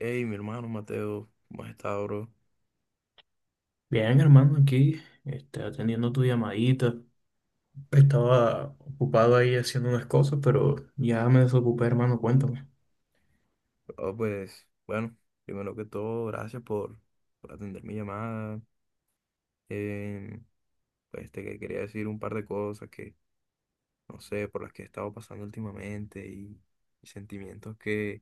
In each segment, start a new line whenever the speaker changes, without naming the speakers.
Hey, mi hermano Mateo, ¿cómo has estado, bro?
Bien, hermano, aquí atendiendo tu llamadita. Estaba ocupado ahí haciendo unas cosas, pero ya me desocupé, hermano, cuéntame.
Oh, pues, bueno, primero que todo, gracias por atender mi llamada. Eh, pues quería decir un par de cosas que, no sé, por las que he estado pasando últimamente y sentimientos que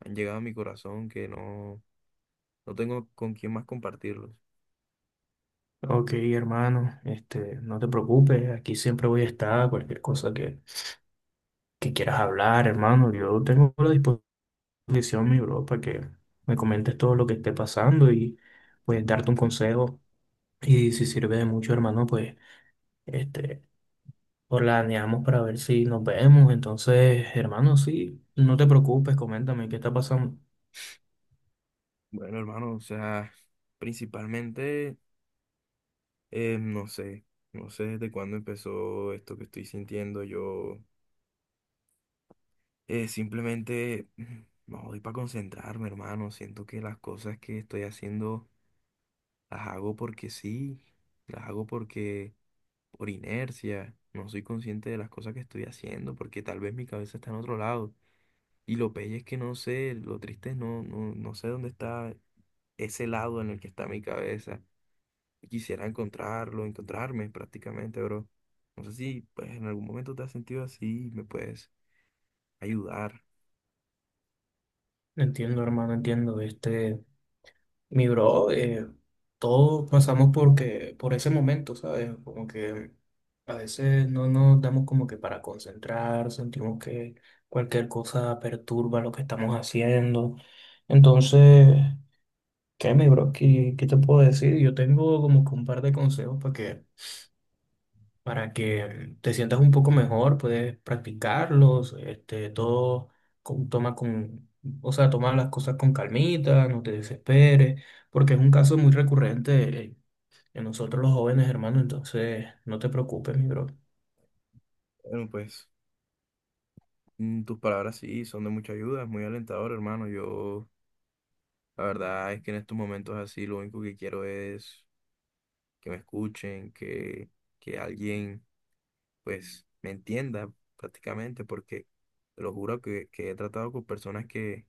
han llegado a mi corazón que no tengo con quién más compartirlos.
Ok, hermano, no te preocupes, aquí siempre voy a estar, cualquier cosa que quieras hablar, hermano. Yo tengo a la disposición, mi bro, para que me comentes todo lo que esté pasando y pues darte un consejo. Y si sirve de mucho, hermano, pues este, planeamos para ver si nos vemos. Entonces, hermano, sí, no te preocupes, coméntame qué está pasando.
Bueno, hermano, o sea, principalmente, no sé, no sé desde cuándo empezó esto que estoy sintiendo yo. Simplemente no doy para concentrarme, hermano. Siento que las cosas que estoy haciendo las hago porque sí, las hago por inercia. No soy consciente de las cosas que estoy haciendo porque tal vez mi cabeza está en otro lado. Y lo peor es que no sé, lo triste es no sé dónde está ese lado en el que está mi cabeza. Y quisiera encontrarlo, encontrarme prácticamente, bro. No sé si pues en algún momento te has sentido así y me puedes ayudar.
Entiendo, hermano, entiendo. Este, mi bro, todos pasamos porque, por ese momento, ¿sabes? Como que a veces no nos damos como que para concentrar, sentimos que cualquier cosa perturba lo que estamos haciendo. Entonces, ¿qué, mi bro? ¿Qué te puedo decir? Yo tengo como que un par de consejos para que te sientas un poco mejor, puedes practicarlos, este, toma o sea, toma las cosas con calmita, no te desesperes, porque es un caso muy recurrente en nosotros los jóvenes, hermano, entonces no te preocupes, mi bro.
Bueno, pues. Tus palabras sí son de mucha ayuda, es muy alentador, hermano. Yo, la verdad es que en estos momentos así, lo único que quiero es que me escuchen, que alguien, pues, me entienda prácticamente, porque te lo juro que he tratado con personas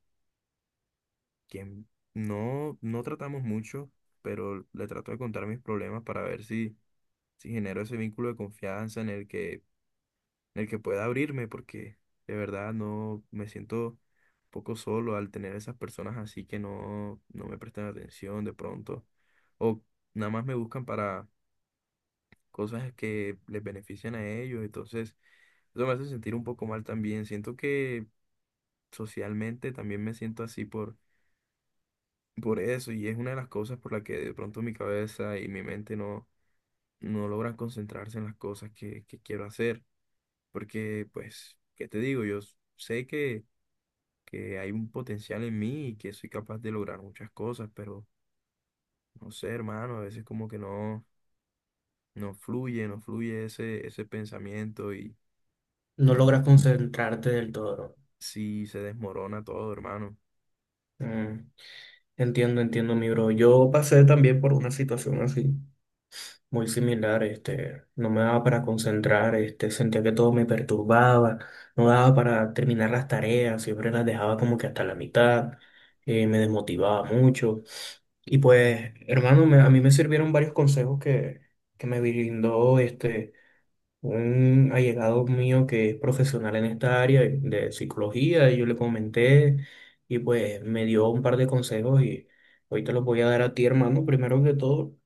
que no tratamos mucho, pero le trato de contar mis problemas para ver si genero ese vínculo de confianza en el que pueda abrirme, porque de verdad no me siento un poco solo al tener esas personas así que no me prestan atención de pronto, o nada más me buscan para cosas que les benefician a ellos, entonces eso me hace sentir un poco mal también, siento que socialmente también me siento así por eso, y es una de las cosas por la que de pronto mi cabeza y mi mente no logran concentrarse en las cosas que quiero hacer, porque pues, ¿qué te digo? Yo sé que hay un potencial en mí y que soy capaz de lograr muchas cosas, pero no sé, hermano, a veces como que no fluye, no fluye ese pensamiento
No logras
y
concentrarte del todo, bro.
sí se desmorona todo, hermano.
Mm, entiendo, entiendo, mi bro. Yo pasé también por una situación así, muy similar. Este, no me daba para concentrar, este, sentía que todo me perturbaba, no daba para terminar las tareas, siempre las dejaba como que hasta la mitad, me desmotivaba mucho. Y pues, hermano, a mí me sirvieron varios consejos que me brindó este, un allegado mío que es profesional en esta área de psicología, y yo le comenté y pues me dio un par de consejos y hoy te los voy a dar a ti, hermano. Primero que todo,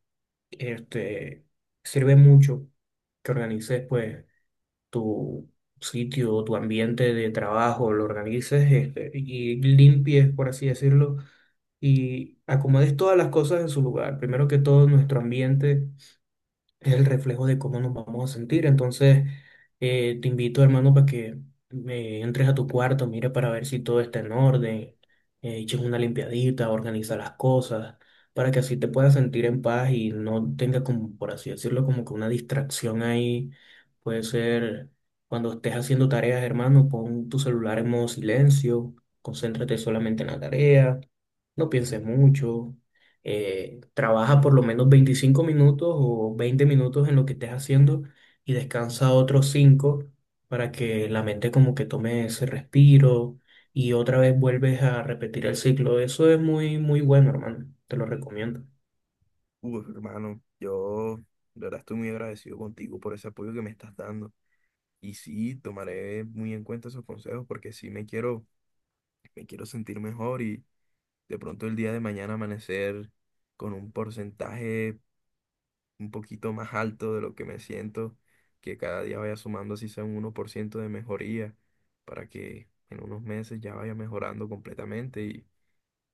este, sirve mucho que organices pues tu sitio, tu ambiente de trabajo, lo organices este, y limpies, por así decirlo, y acomodes todas las cosas en su lugar. Primero que todo, nuestro ambiente es el reflejo de cómo nos vamos a sentir. Entonces, te invito, hermano, para que me entres a tu cuarto, mire para ver si todo está en orden, eches una limpiadita, organiza las cosas, para que así te puedas sentir en paz y no tengas como, por así decirlo, como que una distracción ahí. Puede ser cuando estés haciendo tareas, hermano, pon tu celular en modo silencio, concéntrate solamente en la tarea, no pienses mucho, trabaja por lo menos 25 minutos o 20 minutos en lo que estés haciendo y descansa otros 5 para que la mente como que tome ese respiro y otra vez vuelves a repetir el ciclo. Eso es muy, muy bueno, hermano. Te lo recomiendo.
Uf, hermano, yo de verdad estoy muy agradecido contigo por ese apoyo que me estás dando. Y sí, tomaré muy en cuenta esos consejos porque sí me me quiero sentir mejor y de pronto el día de mañana amanecer con un porcentaje un poquito más alto de lo que me siento, que cada día vaya sumando así sea un uno por ciento de mejoría, para que en unos meses ya vaya mejorando completamente. Y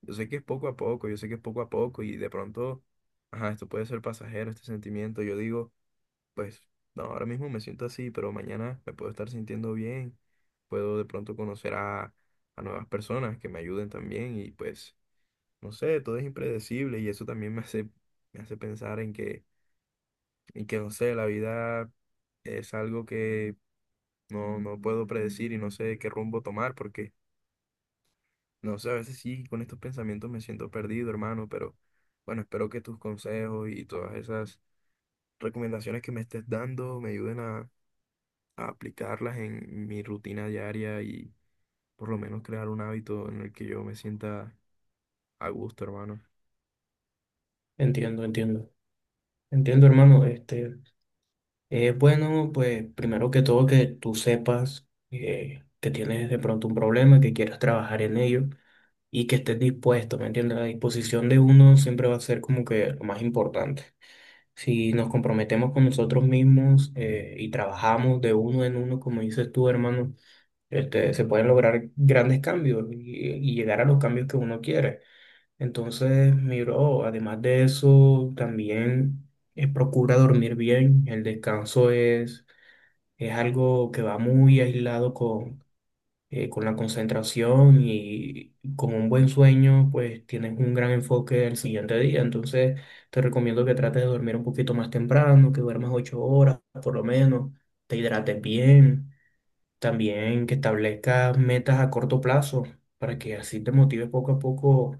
yo sé que es poco a poco, yo sé que es poco a poco y de pronto, ajá, esto puede ser pasajero, este sentimiento. Yo digo, pues, no, ahora mismo me siento así, pero mañana me puedo estar sintiendo bien, puedo de pronto conocer a nuevas personas que me ayuden también y pues, no sé, todo es impredecible y eso también me me hace pensar en que y que no sé, la vida es algo que no puedo predecir y no sé qué rumbo tomar porque, no sé, a veces sí, con estos pensamientos me siento perdido, hermano, pero bueno, espero que tus consejos y todas esas recomendaciones que me estés dando me ayuden a aplicarlas en mi rutina diaria y por lo menos crear un hábito en el que yo me sienta a gusto, hermano.
Entiendo, entiendo. Entiendo, hermano. Este, es bueno, pues primero que todo que tú sepas que tienes de pronto un problema, que quieras trabajar en ello. Y que estés dispuesto, ¿me entiendes? La disposición de uno siempre va a ser como que lo más importante. Si nos comprometemos con nosotros mismos y trabajamos de uno en uno, como dices tú, hermano, este, se pueden lograr grandes cambios y llegar a los cambios que uno quiere. Entonces, mi bro, además de eso, también procura dormir bien. El descanso es algo que va muy aislado con la concentración, y con un buen sueño, pues tienes un gran enfoque el siguiente día. Entonces, te recomiendo que trates de dormir un poquito más temprano, que duermas 8 horas por lo menos, te hidrates bien, también que establezcas metas a corto plazo para que así te motive poco a poco,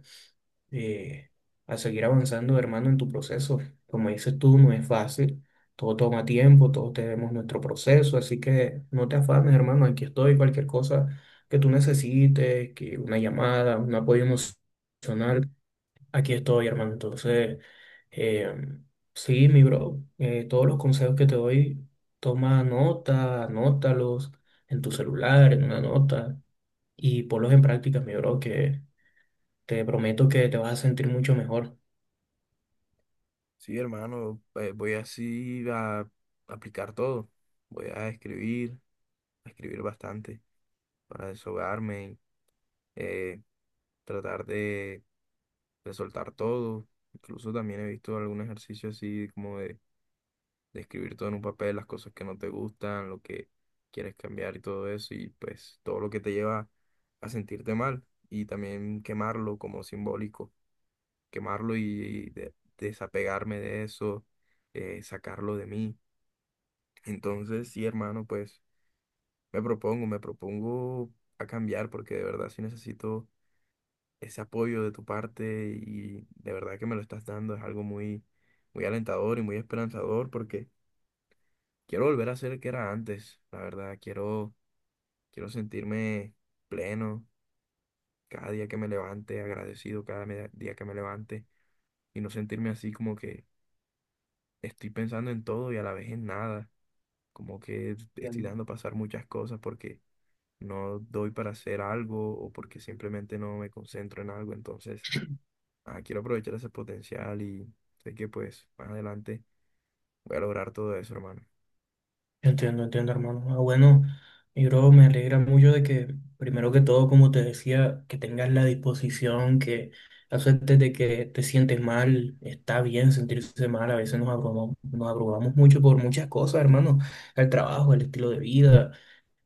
eh, a seguir avanzando, hermano, en tu proceso. Como dices tú, no es fácil, todo toma tiempo, todos tenemos nuestro proceso, así que no te afanes, hermano, aquí estoy, cualquier cosa que tú necesites, que una llamada, un apoyo emocional, aquí estoy, hermano. Entonces, eh, sí, mi bro, todos los consejos que te doy, toma nota, anótalos en tu celular, en una nota, y ponlos en práctica, mi bro, que te prometo que te vas a sentir mucho mejor.
Sí, hermano, voy así a aplicar todo. Voy a escribir bastante, para desahogarme, eh, tratar de soltar todo. Incluso también he visto algún ejercicio así como de escribir todo en un papel, las cosas que no te gustan, lo que quieres cambiar y todo eso, y pues todo lo que te lleva a sentirte mal. Y también quemarlo como simbólico, quemarlo y, desapegarme de eso, sacarlo de mí. Entonces, sí, hermano, pues me propongo a cambiar porque de verdad sí necesito ese apoyo de tu parte y de verdad que me lo estás dando es algo muy, muy alentador y muy esperanzador porque quiero volver a ser el que era antes, la verdad, quiero, quiero sentirme pleno cada día que me levante, agradecido cada día que me levante y no sentirme así como que estoy pensando en todo y a la vez en nada, como que estoy
Entiendo,
dando pasar muchas cosas porque no doy para hacer algo o porque simplemente no me concentro en algo, entonces... ah, quiero aprovechar ese potencial y sé que pues más adelante voy a lograr todo eso, hermano.
entiendo, entiendo, hermano. Ah, bueno, y bro, me alegra mucho de que, primero que todo, como te decía, que tengas la disposición, que aceptes de que te sientes mal, está bien sentirse mal, a veces nos abrumamos mucho por muchas cosas, hermano, el trabajo, el estilo de vida,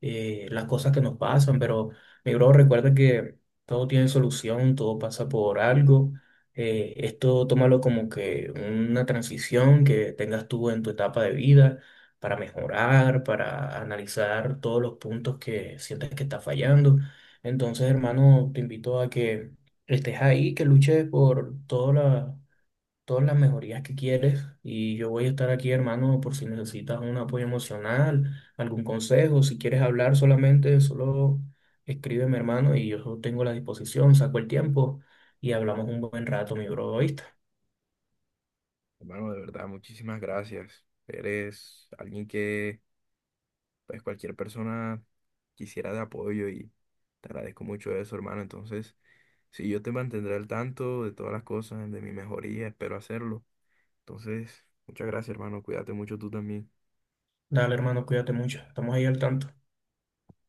las cosas que nos pasan, pero mi bro, recuerda que todo tiene solución, todo pasa por algo. Esto tómalo como que una transición que tengas tú en tu etapa de vida para mejorar, para analizar todos los puntos que sientes que estás fallando. Entonces, hermano, te invito a que estés ahí, que luches por todas las mejorías que quieres y yo voy a estar aquí, hermano, por si necesitas un apoyo emocional, algún consejo, si quieres hablar solamente, solo escríbeme, hermano, y yo tengo la disposición, saco el tiempo y hablamos un buen rato, mi bro, ¿oíste?
Hermano, de verdad, muchísimas gracias. Eres alguien que pues cualquier persona quisiera de apoyo y te agradezco mucho eso, hermano. Entonces, sí, yo te mantendré al tanto de todas las cosas, de mi mejoría, espero hacerlo. Entonces, muchas gracias, hermano. Cuídate mucho tú también.
Dale, hermano, cuídate mucho, estamos ahí al tanto.